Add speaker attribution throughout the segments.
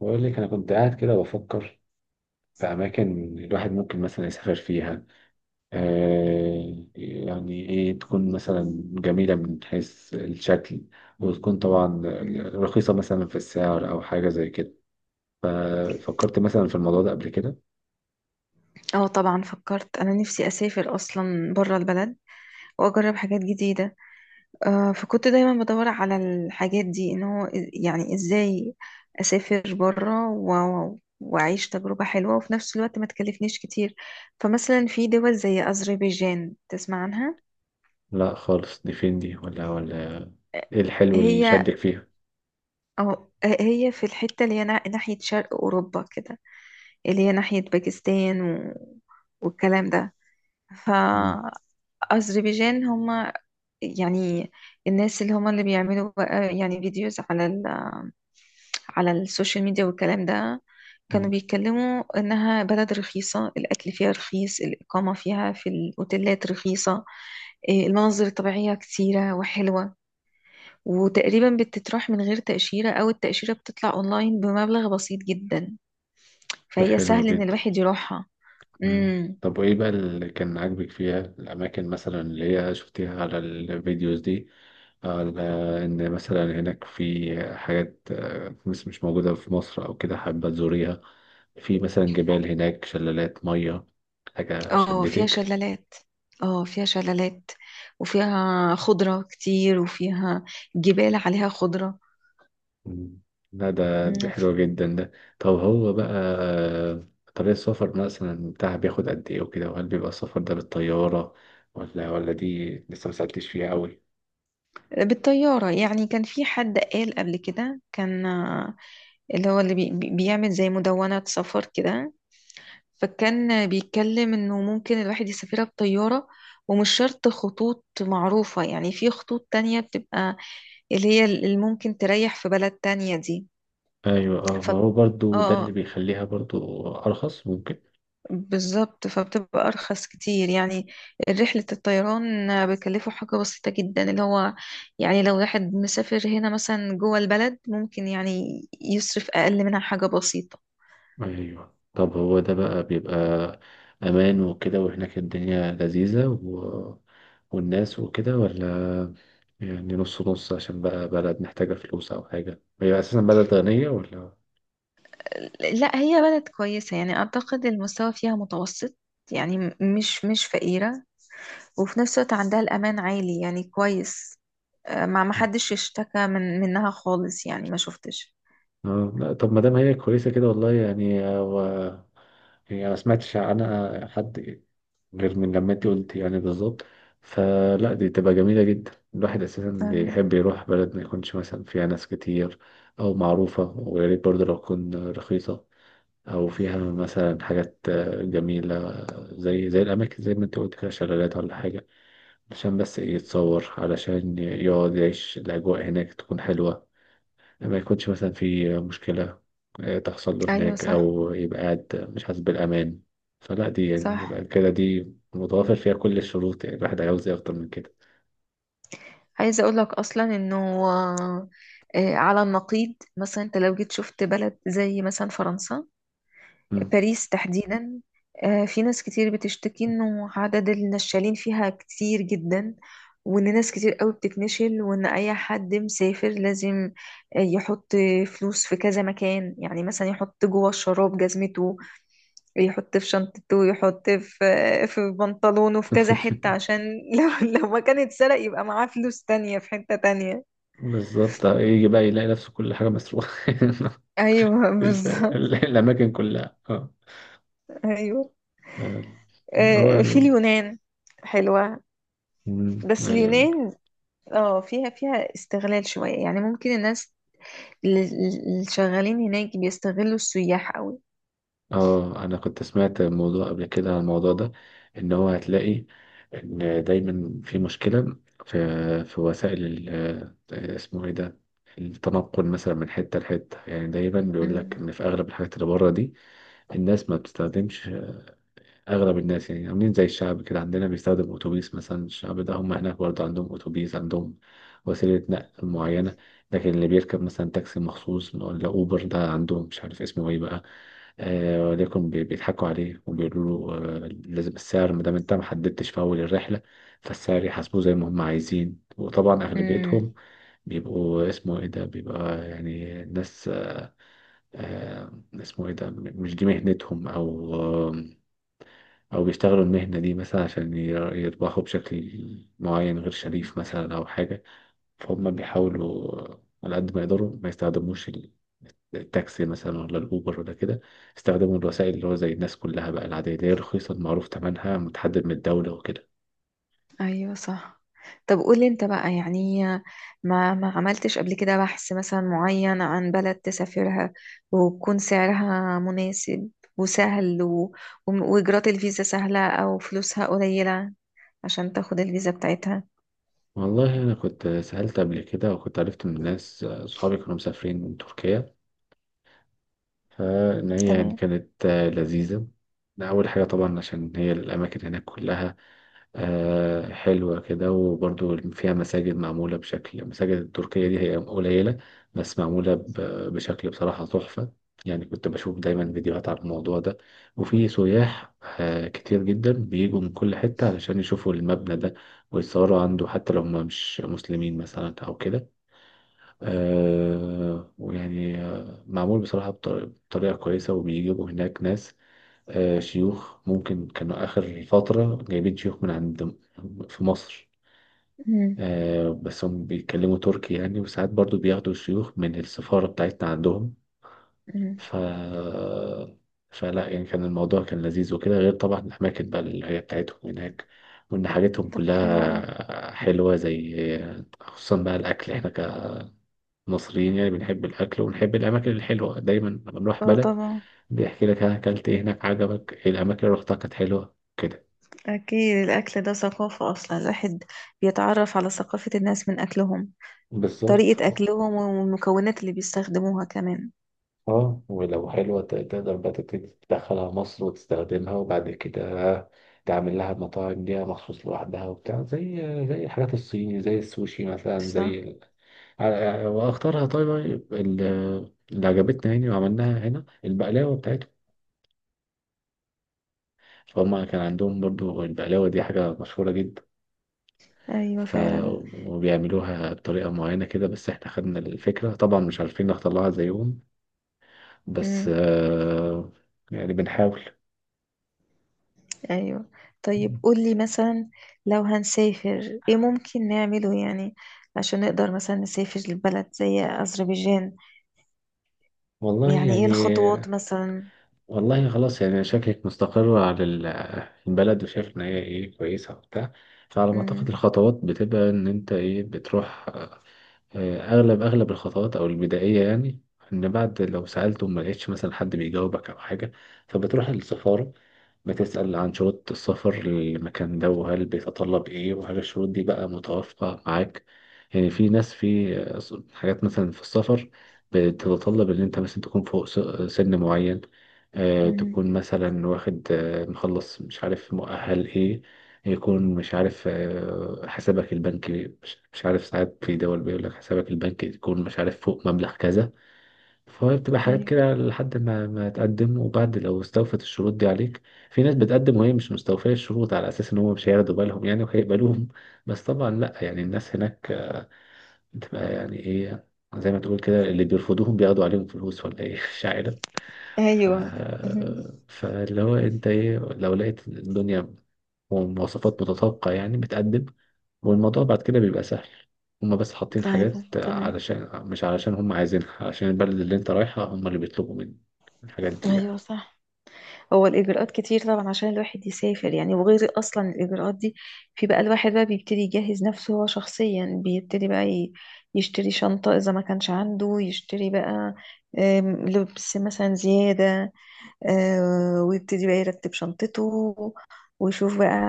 Speaker 1: بقول لك انا كنت قاعد كده بفكر في اماكن الواحد ممكن مثلا يسافر فيها. يعني ايه تكون مثلا جميله من حيث الشكل، وتكون طبعا
Speaker 2: مهم.
Speaker 1: رخيصه مثلا في السعر او حاجه زي كده. فكرت مثلا في الموضوع ده قبل كده؟
Speaker 2: اه طبعا، فكرت انا نفسي اسافر اصلا بره البلد واجرب حاجات جديده. فكنت دايما بدور على الحاجات دي ان هو يعني ازاي اسافر بره واعيش تجربه حلوه، وفي نفس الوقت ما تكلفنيش كتير. فمثلا في دول زي اذربيجان تسمع عنها،
Speaker 1: لا خالص، دي فين دي ولا؟ ايه الحلو اللي
Speaker 2: هي
Speaker 1: شدك فيها؟
Speaker 2: أو هي في الحته اللي هي ناحيه شرق اوروبا كده، اللي هي ناحيه باكستان والكلام ده.
Speaker 1: مم.
Speaker 2: فأذربيجان، هم يعني الناس اللي هما اللي بيعملوا بقى يعني فيديوز على السوشيال ميديا والكلام ده. كانوا
Speaker 1: مم.
Speaker 2: بيتكلموا إنها بلد رخيصة، الأكل فيها رخيص، الإقامة فيها في الأوتيلات رخيصة، المناظر الطبيعية كتيرة وحلوة، وتقريبا بتتراح من غير تأشيرة أو التأشيرة بتطلع أونلاين بمبلغ بسيط جدا،
Speaker 1: ده
Speaker 2: فهي
Speaker 1: حلو
Speaker 2: سهل إن
Speaker 1: جدا.
Speaker 2: الواحد يروحها.
Speaker 1: مم.
Speaker 2: مم.
Speaker 1: طب وإيه بقى اللي كان عاجبك فيها؟ الأماكن مثلا اللي هي شفتيها على الفيديوز دي، على إن مثلا هناك في حاجات مش موجودة في مصر أو كده حابة تزوريها؟ في مثلا جبال هناك، شلالات مية، حاجة
Speaker 2: اه، فيها
Speaker 1: شدتك؟
Speaker 2: شلالات. اه، فيها شلالات، وفيها خضرة كتير، وفيها جبال عليها خضرة.
Speaker 1: مم. لا ده دي
Speaker 2: مم.
Speaker 1: حلوة جدا ده. طب هو بقى، آه، طريق السفر مثلا بتاعها بياخد قد إيه وكده، وهل بيبقى السفر ده بالطيارة ولا دي لسه مسألتش فيها أوي؟
Speaker 2: بالطيارة، يعني كان في حد قال قبل كده كان اللي هو اللي بيعمل زي مدونة سفر كده. فكان بيتكلم انه ممكن الواحد يسافرها بطيارة، ومش شرط خطوط معروفة، يعني في خطوط تانية بتبقى اللي هي اللي ممكن تريح في بلد تانية دي.
Speaker 1: ايوه، اه،
Speaker 2: ف
Speaker 1: ما
Speaker 2: اه
Speaker 1: هو برضو ده اللي
Speaker 2: آه.
Speaker 1: بيخليها برضو ارخص ممكن.
Speaker 2: بالظبط، فبتبقى أرخص كتير يعني. رحلة الطيران بيكلفوا حاجة بسيطة جدا، اللي هو يعني لو واحد مسافر هنا مثلا جوه البلد، ممكن يعني يصرف أقل منها حاجة بسيطة.
Speaker 1: ايوه، طب هو ده بقى بيبقى امان وكده؟ وهناك الدنيا لذيذة والناس وكده، ولا يعني نص نص عشان بقى بلد محتاجة فلوس او حاجة، هي اساسا بلد غنية ولا؟
Speaker 2: لا، هي بلد كويسة، يعني أعتقد المستوى فيها متوسط، يعني مش فقيرة، وفي نفس الوقت عندها الأمان عالي يعني كويس. ما حدش يشتكى منها خالص يعني، ما شفتش.
Speaker 1: اه، لا، طب ما دام هي كويسة كده، والله يعني يعني أنا ما سمعتش عنها حد غير من لما انت قلت، يعني بالظبط. فلا دي تبقى جميلة جدا. الواحد أساسا
Speaker 2: أيوة،
Speaker 1: بيحب يروح بلد ما يكونش مثلا فيها ناس كتير أو معروفة، ويا ريت برضه لو تكون رخيصة، أو فيها مثلا حاجات جميلة زي الأماكن زي ما انت قلت كده، شلالات ولا حاجة، عشان بس إيه يتصور، علشان يقعد يعيش الأجواء هناك تكون حلوة، ما يكونش مثلا في مشكلة تحصل له
Speaker 2: أيوة،
Speaker 1: هناك،
Speaker 2: صح،
Speaker 1: أو يبقى قاعد مش حاسس بالأمان. فلا دي يعني
Speaker 2: صح.
Speaker 1: يبقى كده، دي متوافر فيها كل الشروط، يعني الواحد عاوز إيه أكتر من كده؟
Speaker 2: عايزة اقول لك اصلا انه، آه، على النقيض مثلا، انت لو جيت شفت بلد زي مثلا فرنسا،
Speaker 1: مم.
Speaker 2: باريس تحديدا. في ناس كتير بتشتكي انه عدد النشالين فيها كتير جدا، وان ناس كتير قوي بتتنشل، وان اي حد مسافر لازم يحط فلوس في كذا مكان، يعني مثلا يحط جوه الشراب جزمته، يحط في شنطته ويحط في بنطلونه، في كذا حتة عشان لو ما كان اتسرق يبقى معاه فلوس تانية في حتة تانية.
Speaker 1: بالظبط، يجي بقى يلاقي نفسه كل حاجة مسروقة.
Speaker 2: ايوه، بالظبط.
Speaker 1: الأماكن كلها، اه.
Speaker 2: ايوه.
Speaker 1: هو
Speaker 2: في اليونان حلوة.
Speaker 1: مم.
Speaker 2: بس
Speaker 1: أيوة،
Speaker 2: اليونان اه فيها استغلال شوية، يعني ممكن الناس اللي شغالين هناك بيستغلوا السياح قوي.
Speaker 1: اه. انا كنت سمعت الموضوع قبل كده، عن الموضوع ده ان هو هتلاقي ان دايما في مشكلة في وسائل اسمه ايه ده، التنقل مثلا من حتة لحتة. يعني دايما بيقول لك ان في اغلب الحاجات اللي بره دي الناس ما بتستخدمش. اغلب الناس يعني عاملين زي الشعب كده عندنا، بيستخدم اتوبيس مثلا. الشعب ده هم هناك برضه عندهم اتوبيس، عندهم وسيله نقل معينه. لكن اللي بيركب مثلا تاكسي مخصوص ولا اوبر، ده عندهم مش عارف اسمه ايه بقى، آه. ولكن بيضحكوا عليه وبيقولوا له لازم السعر، ما دام انت ما حددتش في اول الرحله، فالسعر يحاسبوه زي ما هم عايزين. وطبعا
Speaker 2: امم.
Speaker 1: اغلبيتهم بيبقوا اسمه ايه ده، بيبقى يعني ناس اسمه ايه ده، مش دي مهنتهم، او أو بيشتغلوا المهنة دي مثلا عشان يربحوا بشكل معين غير شريف مثلا أو حاجة. فهم بيحاولوا على قد ما يقدروا ما يستخدموش التاكسي مثلا ولا الأوبر ولا كده، استخدموا الوسائل اللي هو زي الناس كلها بقى العادية، اللي هي رخيصة، معروف تمنها، متحدد من الدولة وكده.
Speaker 2: ايوه، صح. طب، قولي انت بقى، يعني ما عملتش قبل كده بحث مثلا معين عن بلد تسافرها، وتكون سعرها مناسب وسهل، واجراءات الفيزا سهلة او فلوسها قليلة عشان تاخد الفيزا بتاعتها؟
Speaker 1: والله أنا كنت سألت قبل كده، وكنت عرفت من ناس صحابي كانوا مسافرين تركيا، فإن هي يعني
Speaker 2: تمام.
Speaker 1: كانت لذيذة. أول حاجة طبعا عشان هي الأماكن هناك كلها حلوة كده، وبرضو فيها مساجد معمولة بشكل. المساجد التركية دي هي قليلة، بس معمولة بشكل بصراحة تحفة. يعني كنت بشوف دايما فيديوهات على الموضوع ده، وفي سياح كتير جدا بيجوا من كل حتة علشان يشوفوا المبنى ده، ويتصوروا عنده حتى لو هم مش مسلمين مثلا أو كده. ويعني معمول بصراحة بطريقة كويسة، وبيجيبوا هناك ناس شيوخ. ممكن كانوا آخر فترة جايبين شيوخ من عند في مصر،
Speaker 2: مم.
Speaker 1: بس هم بيتكلموا تركي يعني، وساعات برضو بياخدوا شيوخ من السفارة بتاعتنا عندهم.
Speaker 2: مم.
Speaker 1: ف فلا يعني كان الموضوع كان لذيذ وكده، غير طبعا الأماكن بقى اللي هي بتاعتهم هناك، وإن حاجتهم
Speaker 2: طب، حلو قوي.
Speaker 1: كلها حلوة، زي خصوصا بقى الأكل. إحنا كمصريين يعني بنحب الأكل، ونحب الأماكن الحلوة دايما لما بنروح
Speaker 2: اه
Speaker 1: بلد
Speaker 2: طبعا.
Speaker 1: بيحكي لك أنا أكلت إيه هناك، عجبك إيه الأماكن اللي رحتها كانت حلوة كده.
Speaker 2: اكيد الاكل ده ثقافة، اصلا الواحد بيتعرف على ثقافة الناس من اكلهم،
Speaker 1: بالظبط.
Speaker 2: طريقة اكلهم والمكونات اللي بيستخدموها كمان.
Speaker 1: اه، ولو حلوة تقدر بقى تبتدي تدخلها مصر وتستخدمها، وبعد كده تعمل لها مطاعم ليها مخصوص لوحدها وبتاع، زي زي الحاجات الصيني زي السوشي مثلا زي
Speaker 2: صح.
Speaker 1: واختارها. طيب طيب، اللي عجبتنا يعني وعملناها هنا البقلاوة بتاعتهم. فهم كان عندهم برضو البقلاوة دي حاجة مشهورة جدا.
Speaker 2: ايوه،
Speaker 1: ف
Speaker 2: فعلا.
Speaker 1: وبيعملوها بطريقة معينة كده، بس احنا خدنا الفكرة طبعا، مش عارفين نختار لها زيهم، بس
Speaker 2: امم.
Speaker 1: يعني بنحاول.
Speaker 2: ايوه. طيب، قولي مثلا، لو هنسافر ايه ممكن نعمله، يعني عشان نقدر مثلا نسافر لبلد زي أذربيجان،
Speaker 1: والله
Speaker 2: يعني ايه الخطوات
Speaker 1: يعني،
Speaker 2: مثلا؟
Speaker 1: والله خلاص يعني شكلك مستقرة على البلد وشايف إن هي إيه كويسة وبتاع. فعلى ما أعتقد
Speaker 2: امم.
Speaker 1: الخطوات بتبقى إن أنت إيه بتروح، اغلب الخطوات او البدائيه يعني، ان بعد لو سالت وما لقيتش مثلا حد بيجاوبك او حاجه فبتروح للسفاره، بتسال عن شروط السفر للمكان ده، وهل بيتطلب ايه، وهل الشروط دي بقى متوافقه معاك. يعني في ناس في حاجات مثلا في السفر بتتطلب ان انت مثلا تكون فوق سن معين،
Speaker 2: امم.
Speaker 1: تكون مثلا واخد مخلص مش عارف مؤهل ايه، يكون مش عارف حسابك البنكي، مش عارف ساعات في دول بيقول لك حسابك البنكي يكون مش عارف فوق مبلغ كذا. فهي بتبقى حاجات
Speaker 2: ايوه.
Speaker 1: كده لحد ما تقدم، وبعد لو استوفت الشروط دي عليك. في ناس بتقدم وهي مش مستوفية الشروط على أساس إن هم مش هياخدوا بالهم يعني وهيقبلوهم. بس طبعا لأ، يعني الناس هناك بتبقى يعني إيه، زي ما تقول كده اللي بيرفضوهم بياخدوا عليهم فلوس ولا إيه، مش عارف. ف...
Speaker 2: ايوه.
Speaker 1: فاللي هو أنت إيه لو لقيت الدنيا ومواصفات متطابقة، يعني بتقدم، والموضوع بعد كده بيبقى سهل. هما بس حاطين
Speaker 2: ايوه.
Speaker 1: حاجات
Speaker 2: تمام.
Speaker 1: علشان، مش علشان هما عايزينها، عشان البلد اللي انت رايحها هما اللي بيطلبوا منك الحاجات دي يعني.
Speaker 2: ايوه، صح. هو الإجراءات كتير طبعا عشان الواحد يسافر، يعني وغير أصلا الإجراءات دي، في بقى الواحد بقى بيبتدي يجهز نفسه، هو شخصيا بيبتدي بقى يشتري شنطة إذا ما كانش عنده، يشتري بقى لبس مثلا زيادة، ويبتدي بقى يرتب شنطته، ويشوف بقى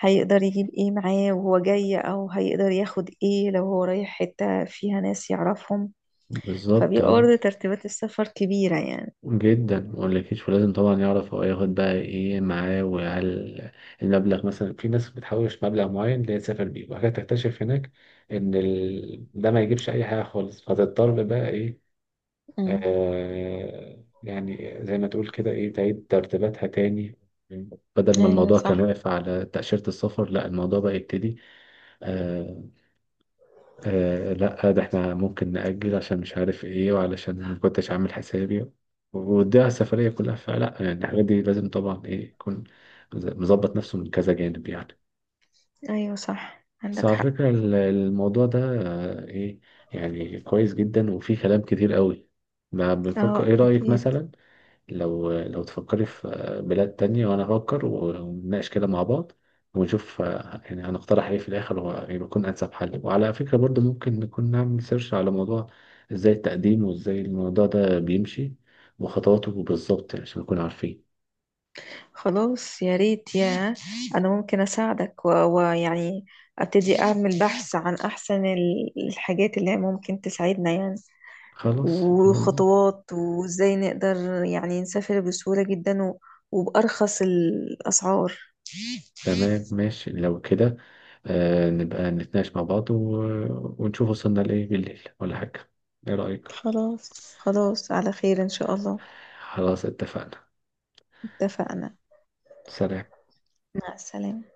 Speaker 2: هيقدر يجيب ايه معاه وهو جاي، أو هيقدر ياخد ايه لو هو رايح حتة فيها ناس يعرفهم.
Speaker 1: بالظبط،
Speaker 2: فبيبقى
Speaker 1: اه،
Speaker 2: برضه ترتيبات السفر كبيرة يعني.
Speaker 1: جدا مقولكيش. ولازم طبعا يعرف هو ياخد بقى ايه معاه، وهل المبلغ مثلا، في ناس بتحوش مبلغ معين اللي هي تسافر بيه، وبعد كده تكتشف هناك ان ده ما يجيبش اي حاجه خالص، فتضطر بقى ايه،
Speaker 2: مم.
Speaker 1: يعني زي ما تقول كده ايه، تعيد ترتيباتها تاني، بدل ما
Speaker 2: أيوة،
Speaker 1: الموضوع كان
Speaker 2: صح.
Speaker 1: واقف على تأشيرة السفر، لا الموضوع بقى يبتدي. آه لا ده احنا ممكن نأجل عشان مش عارف ايه، وعلشان ما كنتش عامل حسابي، وده السفرية كلها. فلا يعني الحاجات دي لازم طبعا ايه يكون مظبط نفسه من كذا جانب يعني.
Speaker 2: ايوه، صح،
Speaker 1: بس
Speaker 2: عندك
Speaker 1: على
Speaker 2: حق.
Speaker 1: فكرة الموضوع ده ايه يعني كويس جدا، وفيه كلام كتير قوي ما بنفكر.
Speaker 2: اه،
Speaker 1: ايه رأيك
Speaker 2: اكيد.
Speaker 1: مثلا، لو تفكري في بلاد تانية وأنا أفكر، ونناقش كده مع بعض، ونشوف يعني هنقترح إيه في الآخر ويكون أنسب حل. وعلى فكرة برضو ممكن نكون نعمل سيرش على موضوع إزاي التقديم وإزاي الموضوع ده بيمشي، وخطواته بالظبط يعني عشان نكون عارفين.
Speaker 2: خلاص، يا ريت. انا ممكن اساعدك، ويعني ابتدي اعمل بحث عن احسن الحاجات اللي هي ممكن تساعدنا يعني،
Speaker 1: خلاص
Speaker 2: وخطوات وازاي نقدر يعني نسافر بسهولة جدا، وبأرخص الأسعار.
Speaker 1: تمام، ماشي لو كده. نبقى نتناقش مع بعض، ونشوف وصلنا لإيه بالليل ولا حاجة، إيه رأيك؟
Speaker 2: خلاص، خلاص. على خير إن شاء الله.
Speaker 1: خلاص اتفقنا.
Speaker 2: اتفقنا.
Speaker 1: سلام.
Speaker 2: مع السلامة.